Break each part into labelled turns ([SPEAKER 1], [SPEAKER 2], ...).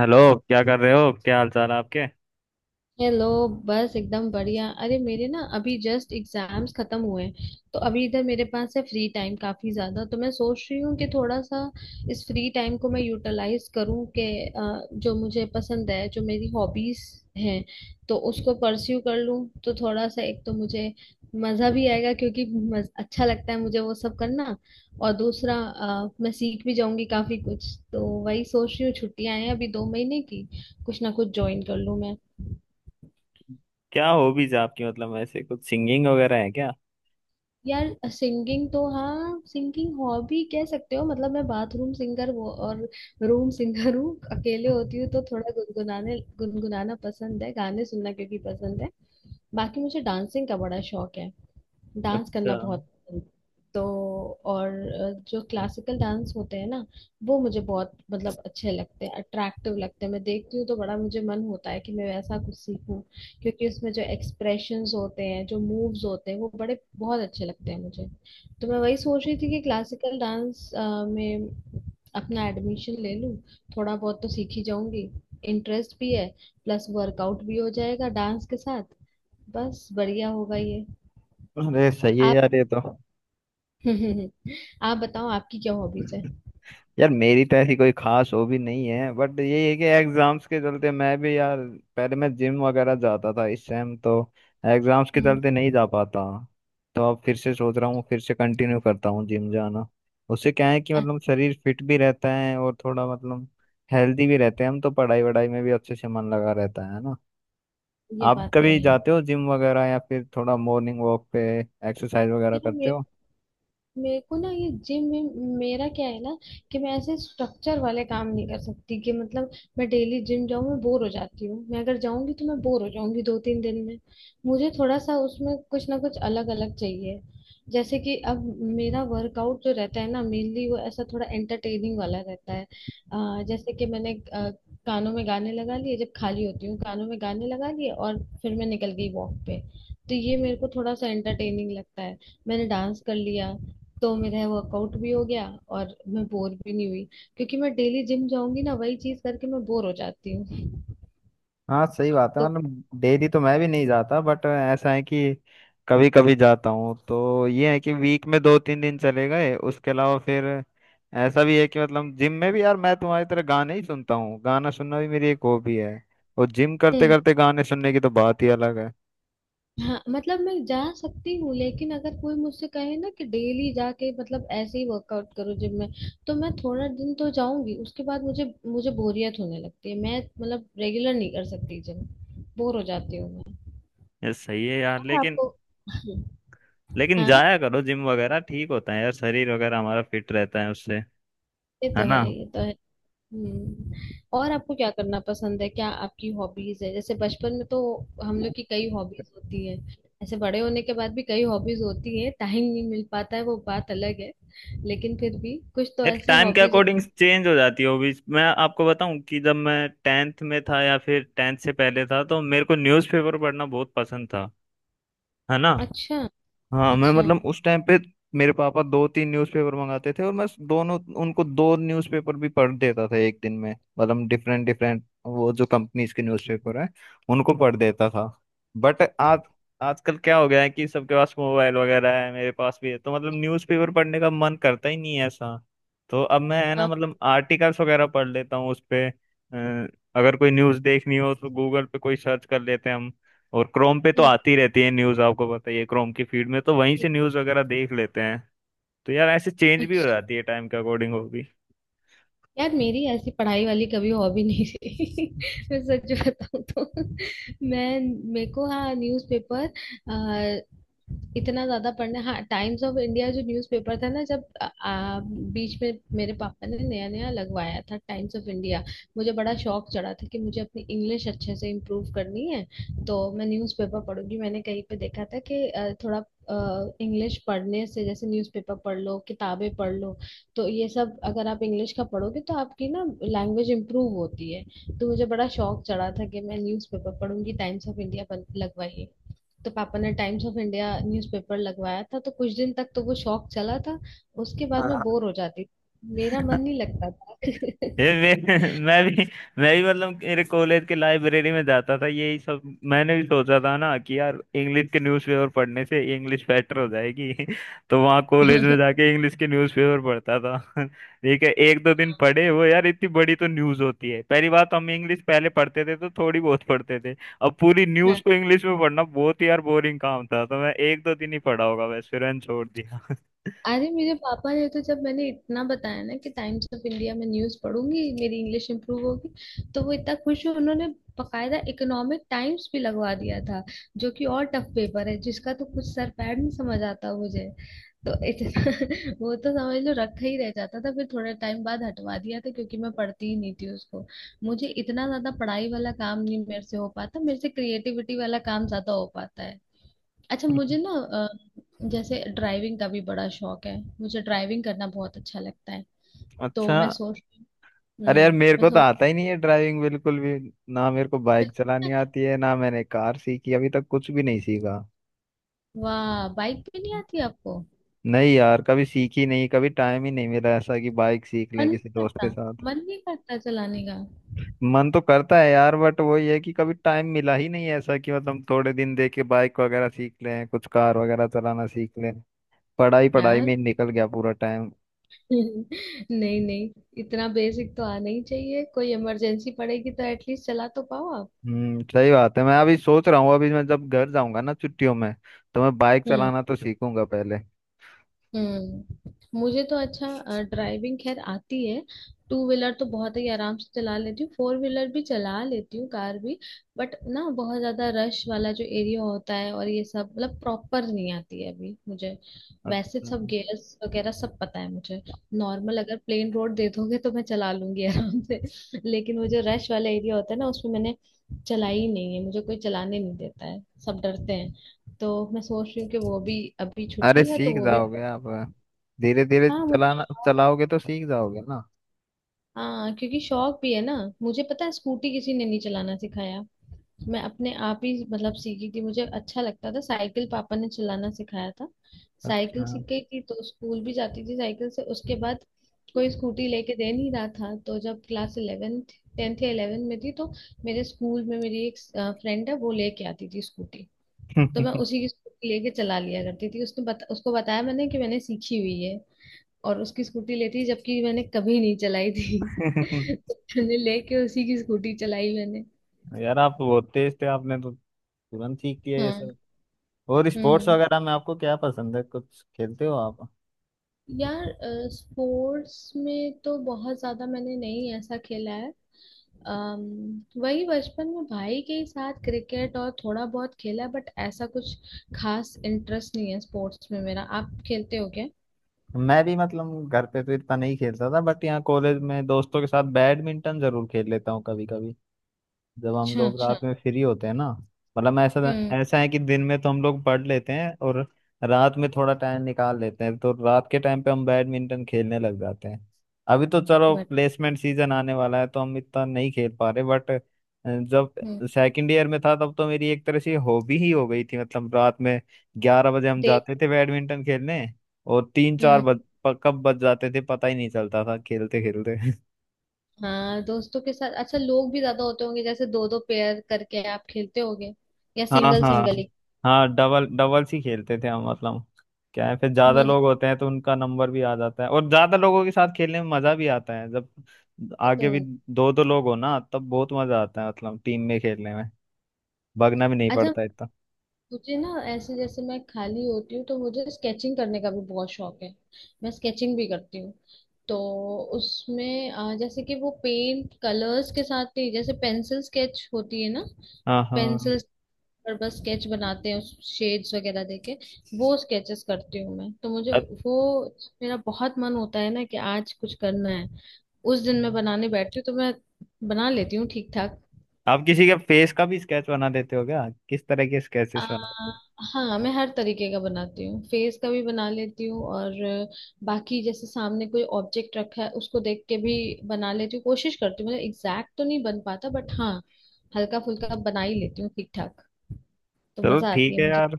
[SPEAKER 1] Hello. क्या कर रहे हो, क्या हाल चाल है आपके?
[SPEAKER 2] हेलो। बस एकदम बढ़िया, अरे मेरे ना अभी जस्ट एग्जाम्स खत्म हुए हैं। तो अभी इधर मेरे पास है फ्री टाइम काफी ज्यादा, तो मैं सोच रही हूँ कि थोड़ा सा इस फ्री टाइम को मैं यूटिलाइज करूँ कि जो मुझे पसंद है, जो मेरी हॉबीज हैं, तो उसको परस्यू कर लूँ। तो थोड़ा सा, एक तो मुझे मजा भी आएगा, क्योंकि अच्छा लगता है मुझे वो सब करना। और दूसरा मैं सीख भी जाऊंगी काफी कुछ। तो वही सोच रही हूँ, छुट्टियां हैं अभी 2 महीने की, कुछ ना कुछ ज्वाइन कर लूँ।
[SPEAKER 1] क्या हॉबीज है आपकी, मतलब ऐसे कुछ सिंगिंग वगैरह है क्या?
[SPEAKER 2] यार सिंगिंग तो हाँ, सिंगिंग हॉबी कह सकते हो, मतलब मैं बाथरूम सिंगर, वो और रूम सिंगर हूँ। अकेले होती हूँ तो थोड़ा गुनगुनाने गुनगुनाना पसंद है, गाने सुनना क्योंकि पसंद है। बाकी मुझे डांसिंग का बड़ा शौक है, डांस
[SPEAKER 1] अच्छा।
[SPEAKER 2] करना बहुत पसंद। तो और जो क्लासिकल डांस होते हैं ना, वो मुझे बहुत, मतलब अच्छे लगते हैं, अट्रैक्टिव लगते हैं। मैं देखती हूँ तो बड़ा मुझे मन होता है कि मैं वैसा कुछ सीखूं, क्योंकि उसमें जो एक्सप्रेशंस होते हैं, जो मूव्स होते हैं, वो बड़े बहुत अच्छे लगते हैं मुझे। तो मैं वही सोच रही थी कि क्लासिकल डांस में अपना एडमिशन ले लूं। थोड़ा बहुत तो सीख ही जाऊंगी, इंटरेस्ट भी है, प्लस वर्कआउट भी हो जाएगा डांस के साथ। बस बढ़िया होगा ये।
[SPEAKER 1] अरे सही है
[SPEAKER 2] आप
[SPEAKER 1] यार ये तो।
[SPEAKER 2] आप बताओ आपकी क्या हॉबीज है।
[SPEAKER 1] यार मेरी तो ऐसी कोई खास हॉबी नहीं है। बट ये है कि एग्जाम्स के चलते मैं भी यार, पहले मैं जिम वगैरह जाता था, इस टाइम तो एग्जाम्स के
[SPEAKER 2] हम्म।
[SPEAKER 1] चलते नहीं जा पाता। तो अब फिर से सोच रहा हूँ, फिर से कंटिन्यू करता हूँ जिम जाना। उससे क्या है कि
[SPEAKER 2] अच्छा,
[SPEAKER 1] मतलब शरीर फिट भी रहता है और थोड़ा मतलब हेल्दी भी रहते हैं हम, तो पढ़ाई वढ़ाई में भी अच्छे से मन लगा रहता है।
[SPEAKER 2] ये
[SPEAKER 1] आप
[SPEAKER 2] बात तो
[SPEAKER 1] कभी
[SPEAKER 2] है।
[SPEAKER 1] जाते हो जिम वगैरह या फिर थोड़ा मॉर्निंग वॉक पे एक्सरसाइज वगैरह
[SPEAKER 2] यार
[SPEAKER 1] करते
[SPEAKER 2] मेरे
[SPEAKER 1] हो?
[SPEAKER 2] मेरे को ना ये जिम में, मेरा क्या है ना, कि मैं ऐसे स्ट्रक्चर वाले काम नहीं कर सकती। कि मतलब मैं डेली जिम जाऊँ, मैं बोर हो जाती हूँ। मैं अगर जाऊंगी तो मैं बोर हो जाऊंगी दो तीन दिन में। मुझे थोड़ा सा उसमें कुछ ना कुछ अलग अलग चाहिए। जैसे कि अब मेरा वर्कआउट जो रहता है ना, मेनली वो ऐसा थोड़ा एंटरटेनिंग वाला रहता है। जैसे कि मैंने कानों में गाने लगा लिए, जब खाली होती हूँ कानों में गाने लगा लिए और फिर मैं निकल गई वॉक पे। तो ये मेरे को थोड़ा सा एंटरटेनिंग लगता है। मैंने डांस कर लिया तो मेरा वर्कआउट भी हो गया, और मैं बोर भी नहीं हुई। क्योंकि मैं डेली जिम जाऊंगी ना वही चीज करके, मैं बोर हो जाती हूँ।
[SPEAKER 1] हाँ सही बात है,
[SPEAKER 2] तो।
[SPEAKER 1] मतलब डेली तो मैं भी नहीं जाता, बट ऐसा है कि कभी कभी जाता हूँ। तो ये है कि वीक में दो तीन दिन चले गए, उसके अलावा फिर ऐसा भी है कि मतलब जिम में भी यार मैं तुम्हारी तरह गाने ही सुनता हूँ। गाना सुनना भी मेरी एक हॉबी है, और जिम करते
[SPEAKER 2] हम्म।
[SPEAKER 1] करते गाने सुनने की तो बात ही अलग है।
[SPEAKER 2] हाँ, मतलब मैं जा सकती हूँ, लेकिन अगर कोई मुझसे कहे ना कि डेली जाके मतलब ऐसे ही वर्कआउट करो जिम में, तो मैं थोड़ा दिन तो जाऊंगी, उसके बाद मुझे मुझे बोरियत होने लगती है। मैं मतलब रेगुलर नहीं कर सकती जिम, बोर हो जाती हूँ।
[SPEAKER 1] ये सही है यार,
[SPEAKER 2] मैं
[SPEAKER 1] लेकिन
[SPEAKER 2] आपको।
[SPEAKER 1] लेकिन
[SPEAKER 2] हाँ,
[SPEAKER 1] जाया करो जिम वगैरह, ठीक होता है यार, शरीर वगैरह हमारा फिट रहता है उससे।
[SPEAKER 2] ये तो
[SPEAKER 1] है
[SPEAKER 2] है,
[SPEAKER 1] ना?
[SPEAKER 2] ये तो है। हम्म। और आपको क्या करना पसंद है, क्या आपकी हॉबीज है? जैसे बचपन में तो हम लोग की कई हॉबीज होती है, ऐसे बड़े होने के बाद भी कई हॉबीज होती है, टाइम नहीं मिल पाता है वो बात अलग है, लेकिन फिर भी कुछ तो
[SPEAKER 1] यार
[SPEAKER 2] ऐसी
[SPEAKER 1] टाइम के
[SPEAKER 2] हॉबीज
[SPEAKER 1] अकॉर्डिंग
[SPEAKER 2] होती।
[SPEAKER 1] चेंज हो जाती है हॉबीज। मैं आपको बताऊं कि जब मैं टेंथ में था या फिर टेंथ से पहले था, तो मेरे को न्यूज़पेपर पढ़ना बहुत पसंद था। है ना?
[SPEAKER 2] अच्छा,
[SPEAKER 1] हाँ, मैं
[SPEAKER 2] अच्छा।
[SPEAKER 1] मतलब उस टाइम पे मेरे पापा दो तीन न्यूज़पेपर मंगाते थे, और मैं दोनों उनको दो न्यूज़पेपर भी पढ़ देता था एक दिन में, मतलब डिफरेंट डिफरेंट वो जो कंपनीज के न्यूज़पेपर हैं उनको पढ़ देता था। बट आज आजकल क्या हो गया है कि सबके पास मोबाइल वगैरह है, मेरे पास भी है, तो मतलब न्यूज़पेपर पढ़ने का मन करता ही नहीं है ऐसा। तो अब मैं है ना,
[SPEAKER 2] हाँ।
[SPEAKER 1] मतलब आर्टिकल्स वगैरह पढ़ लेता हूँ उस पे। अगर कोई न्यूज़ देखनी हो तो गूगल पे कोई सर्च कर लेते हैं हम। और क्रोम पे तो
[SPEAKER 2] हम्म।
[SPEAKER 1] आती रहती है न्यूज, आपको पता ही है क्रोम की फीड में, तो वहीं से न्यूज वगैरह देख लेते हैं। तो यार ऐसे चेंज भी हो
[SPEAKER 2] अच्छा।
[SPEAKER 1] जाती है टाइम के अकॉर्डिंग वो भी।
[SPEAKER 2] यार मेरी ऐसी पढ़ाई वाली कभी हॉबी नहीं रही, मैं सच बताऊं तो। मैं मेरे को हाँ, न्यूज़पेपर इतना ज्यादा पढ़ना, हाँ टाइम्स ऑफ इंडिया जो न्यूज़पेपर था ना, जब आ, आ, बीच में मेरे पापा ने नया नया लगवाया था टाइम्स ऑफ इंडिया, मुझे बड़ा शौक चढ़ा था कि मुझे अपनी इंग्लिश अच्छे से इम्प्रूव करनी है, तो मैं न्यूज़पेपर पढ़ूंगी। मैंने कहीं पे देखा था कि थोड़ा इंग्लिश पढ़ने से, जैसे न्यूज़पेपर पढ़ लो किताबें पढ़ लो, तो ये सब अगर आप इंग्लिश का पढ़ोगे तो आपकी ना लैंग्वेज इम्प्रूव होती है। तो मुझे बड़ा शौक चढ़ा था कि मैं न्यूज़पेपर पढ़ूंगी, टाइम्स ऑफ इंडिया लगवाइए। तो पापा ने टाइम्स ऑफ इंडिया न्यूज़पेपर लगवाया था, तो कुछ दिन तक तो वो शौक चला था, उसके बाद मैं
[SPEAKER 1] हाँ,
[SPEAKER 2] बोर हो जाती, मेरा मन नहीं लगता था।
[SPEAKER 1] ये मैं भी मतलब मेरे कॉलेज के लाइब्रेरी में जाता था यही सब। मैंने भी सोचा था ना कि यार इंग्लिश के न्यूज़पेपर पढ़ने से इंग्लिश बेटर हो जाएगी तो वहाँ कॉलेज में जाके इंग्लिश के न्यूज़पेपर पढ़ता था ठीक है, एक दो दिन पढ़े वो, यार इतनी बड़ी तो न्यूज़ होती है पहली बात, तो हम इंग्लिश पहले पढ़ते थे तो थोड़ी बहुत पढ़ते थे। अब पूरी न्यूज़
[SPEAKER 2] हाँ,
[SPEAKER 1] को इंग्लिश में पढ़ना बहुत ही यार बोरिंग काम था, तो मैं एक दो दिन ही पढ़ा होगा बस, फिर मैंने छोड़ दिया।
[SPEAKER 2] अरे मेरे पापा ने तो, जब मैंने इतना बताया ना कि टाइम्स ऑफ इंडिया में न्यूज पढ़ूंगी मेरी इंग्लिश इंप्रूव होगी, तो वो इतना खुश हुए, उन्होंने बकायदा इकोनॉमिक टाइम्स भी लगवा दिया था, जो कि और टफ पेपर है, जिसका तो कुछ सर पैर नहीं समझ आता मुझे। तो इतना वो तो समझ लो रखा ही रह जाता था, फिर थोड़ा टाइम बाद हटवा दिया था, क्योंकि मैं पढ़ती ही नहीं थी उसको। मुझे इतना ज्यादा पढ़ाई वाला काम नहीं मेरे से हो पाता, मेरे से क्रिएटिविटी वाला काम ज्यादा हो पाता है। अच्छा, मुझे ना जैसे ड्राइविंग का भी बड़ा शौक है, मुझे ड्राइविंग करना बहुत अच्छा लगता है। तो
[SPEAKER 1] अच्छा।
[SPEAKER 2] मैं सोच।
[SPEAKER 1] अरे
[SPEAKER 2] हम्म।
[SPEAKER 1] यार मेरे
[SPEAKER 2] मैं
[SPEAKER 1] को तो
[SPEAKER 2] सोच।
[SPEAKER 1] आता ही नहीं है ड्राइविंग बिल्कुल भी, ना मेरे को बाइक चलानी आती है ना मैंने कार सीखी, अभी तक कुछ भी नहीं सीखा।
[SPEAKER 2] वाह, बाइक भी नहीं आती आपको?
[SPEAKER 1] नहीं यार, कभी सीखी नहीं, कभी टाइम ही नहीं मिला ऐसा कि बाइक सीख लें
[SPEAKER 2] मन नहीं
[SPEAKER 1] किसी दोस्त
[SPEAKER 2] करता,
[SPEAKER 1] के साथ।
[SPEAKER 2] मन नहीं करता चलाने का?
[SPEAKER 1] मन तो करता है यार, बट वही है कि कभी टाइम मिला ही नहीं है ऐसा कि मतलब थोड़े दिन दे के बाइक वगैरह सीख लें कुछ, कार वगैरह चलाना सीख लें। पढ़ाई पढ़ाई
[SPEAKER 2] यार
[SPEAKER 1] में ही निकल गया पूरा टाइम।
[SPEAKER 2] नहीं नहीं, इतना बेसिक तो आना ही चाहिए, कोई इमरजेंसी पड़ेगी तो एटलीस्ट चला तो पाओ।
[SPEAKER 1] सही बात है, मैं अभी सोच रहा हूँ, अभी मैं जब घर जाऊंगा ना छुट्टियों में, तो मैं बाइक
[SPEAKER 2] आप।
[SPEAKER 1] चलाना तो सीखूंगा पहले।
[SPEAKER 2] हम्म। मुझे तो अच्छा ड्राइविंग खैर आती है, टू व्हीलर तो बहुत ही आराम से चला लेती हूँ, फोर व्हीलर भी चला लेती हूँ, कार भी। बट ना बहुत ज्यादा रश वाला जो एरिया होता है और ये सब, मतलब प्रॉपर नहीं आती है अभी मुझे। वैसे
[SPEAKER 1] अच्छा।
[SPEAKER 2] सब गियर्स वगैरह सब पता है मुझे, नॉर्मल अगर प्लेन रोड दे दोगे तो मैं चला लूंगी आराम से। लेकिन वो जो रश वाला एरिया होता है ना, उसमें मैंने चलाई ही नहीं है, मुझे कोई चलाने नहीं देता है, सब डरते हैं। तो मैं सोच रही हूँ कि वो भी, अभी
[SPEAKER 1] अरे
[SPEAKER 2] छुट्टी है तो
[SPEAKER 1] सीख
[SPEAKER 2] वो भी।
[SPEAKER 1] जाओगे आप, धीरे धीरे
[SPEAKER 2] हाँ मुझे
[SPEAKER 1] चलाना
[SPEAKER 2] शौक,
[SPEAKER 1] चलाओगे तो सीख जाओगे ना।
[SPEAKER 2] हाँ क्योंकि शौक भी है ना। मुझे पता है, स्कूटी किसी ने नहीं चलाना सिखाया, मैं अपने आप ही मतलब सीखी थी, मुझे अच्छा लगता था। साइकिल पापा ने चलाना सिखाया था,
[SPEAKER 1] अच्छा।
[SPEAKER 2] साइकिल सीख गई थी तो स्कूल भी जाती थी साइकिल से। उसके बाद कोई स्कूटी लेके दे नहीं रहा था, तो जब क्लास इलेवेंथ, टेंथ या इलेवेंथ में थी, तो मेरे स्कूल में मेरी एक फ्रेंड है, वो लेके आती थी स्कूटी, तो मैं उसी की स्कूटी लेके चला लिया करती थी। उसको बताया मैंने कि मैंने सीखी हुई है, और उसकी स्कूटी लेती, जबकि मैंने कभी नहीं चलाई थी। तो मैंने लेके उसी की स्कूटी चलाई मैंने।
[SPEAKER 1] यार आप बहुत तेज थे, आपने तो तुरंत सीख लिया ये
[SPEAKER 2] हाँ।
[SPEAKER 1] सब। और स्पोर्ट्स
[SPEAKER 2] हम्म।
[SPEAKER 1] वगैरह में आपको क्या पसंद है, कुछ खेलते हो आप?
[SPEAKER 2] यार स्पोर्ट्स में तो बहुत ज्यादा मैंने नहीं ऐसा खेला है, वही बचपन में भाई के ही साथ क्रिकेट और थोड़ा बहुत खेला है, बट ऐसा कुछ खास इंटरेस्ट नहीं है स्पोर्ट्स में मेरा। आप खेलते हो क्या?
[SPEAKER 1] मैं भी मतलब घर पे तो इतना नहीं खेलता था, बट यहाँ कॉलेज में दोस्तों के साथ बैडमिंटन जरूर खेल लेता हूँ कभी कभी। जब हम
[SPEAKER 2] अच्छा,
[SPEAKER 1] लोग
[SPEAKER 2] अच्छा।
[SPEAKER 1] रात में फ्री होते हैं ना, मतलब ऐसा
[SPEAKER 2] हम्म।
[SPEAKER 1] ऐसा है कि दिन में तो हम लोग पढ़ लेते हैं और रात में थोड़ा टाइम निकाल लेते हैं, तो रात के टाइम पे हम बैडमिंटन खेलने लग जाते हैं। अभी तो चलो
[SPEAKER 2] बट।
[SPEAKER 1] प्लेसमेंट सीजन आने वाला है तो हम इतना नहीं खेल पा रहे, बट जब
[SPEAKER 2] हम्म।
[SPEAKER 1] सेकंड ईयर में था तब तो मेरी एक तरह से हॉबी ही हो गई थी, मतलब रात में 11 बजे हम
[SPEAKER 2] देख।
[SPEAKER 1] जाते थे बैडमिंटन खेलने। और तीन चार
[SPEAKER 2] हम्म।
[SPEAKER 1] बज प- कब बज जाते थे पता ही नहीं चलता था खेलते खेलते।
[SPEAKER 2] हाँ दोस्तों के साथ, अच्छा लोग भी ज्यादा होते होंगे, जैसे दो दो पेयर करके आप खेलते होगे या
[SPEAKER 1] हाँ,
[SPEAKER 2] सिंगल
[SPEAKER 1] हाँ।
[SPEAKER 2] सिंगल ही।
[SPEAKER 1] हाँ, डबल्स ही खेलते थे हम, मतलब क्या है फिर ज्यादा
[SPEAKER 2] मजा।
[SPEAKER 1] लोग होते हैं तो उनका नंबर भी आ जाता है, और ज्यादा लोगों के साथ खेलने में मजा भी आता है, जब
[SPEAKER 2] वो तो
[SPEAKER 1] आगे भी
[SPEAKER 2] है।
[SPEAKER 1] दो दो लोग हो ना तब बहुत मजा आता है, मतलब टीम में खेलने में। भागना भी नहीं
[SPEAKER 2] अच्छा,
[SPEAKER 1] पड़ता इतना।
[SPEAKER 2] मुझे ना ऐसे जैसे मैं खाली होती हूँ तो मुझे स्केचिंग करने का भी बहुत शौक है, मैं स्केचिंग भी करती हूँ। तो उसमें जैसे कि वो पेंट कलर्स के साथ नहीं, जैसे पेंसिल स्केच होती है ना,
[SPEAKER 1] हाँ, हाँ।
[SPEAKER 2] पेंसिल पर बस स्केच बनाते हैं, उस शेड्स वगैरह देके वो स्केचेस करती हूँ मैं। तो मुझे
[SPEAKER 1] अत-
[SPEAKER 2] वो, मेरा बहुत मन होता है ना कि आज कुछ करना है, उस दिन मैं बनाने बैठती हूँ, तो मैं बना लेती हूँ ठीक ठाक।
[SPEAKER 1] आप किसी के फेस का भी स्केच बना देते हो क्या, किस तरह के स्केचेस
[SPEAKER 2] आ,
[SPEAKER 1] बनाते हो?
[SPEAKER 2] हाँ मैं हर तरीके का बनाती हूँ, फेस का भी बना लेती हूँ, और बाकी जैसे सामने कोई ऑब्जेक्ट रखा है उसको देख के भी बना लेती हूँ, कोशिश करती हूँ, मतलब एग्जैक्ट तो नहीं बन पाता, बट हाँ हल्का फुल्का बना ही लेती हूँ ठीक ठाक। तो
[SPEAKER 1] चलो
[SPEAKER 2] मजा आती
[SPEAKER 1] ठीक
[SPEAKER 2] है
[SPEAKER 1] है
[SPEAKER 2] मुझे।
[SPEAKER 1] यार।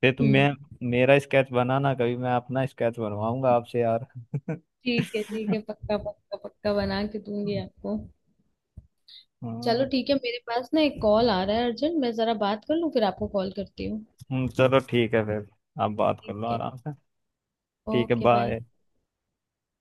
[SPEAKER 1] फिर तुम
[SPEAKER 2] हम्म।
[SPEAKER 1] मैं मेरा स्केच बनाना कभी, मैं अपना स्केच बनवाऊंगा आपसे यार।
[SPEAKER 2] ठीक है ठीक है, पक्का पक्का पक्का बना के दूंगी आपको।
[SPEAKER 1] हाँ।
[SPEAKER 2] चलो ठीक है, मेरे पास ना एक कॉल आ रहा है अर्जेंट, मैं जरा बात कर लूँ फिर आपको कॉल करती हूँ।
[SPEAKER 1] चलो ठीक है फिर, आप बात कर लो
[SPEAKER 2] ठीक है।
[SPEAKER 1] आराम से। ठीक है
[SPEAKER 2] ओके बाय।
[SPEAKER 1] बाय।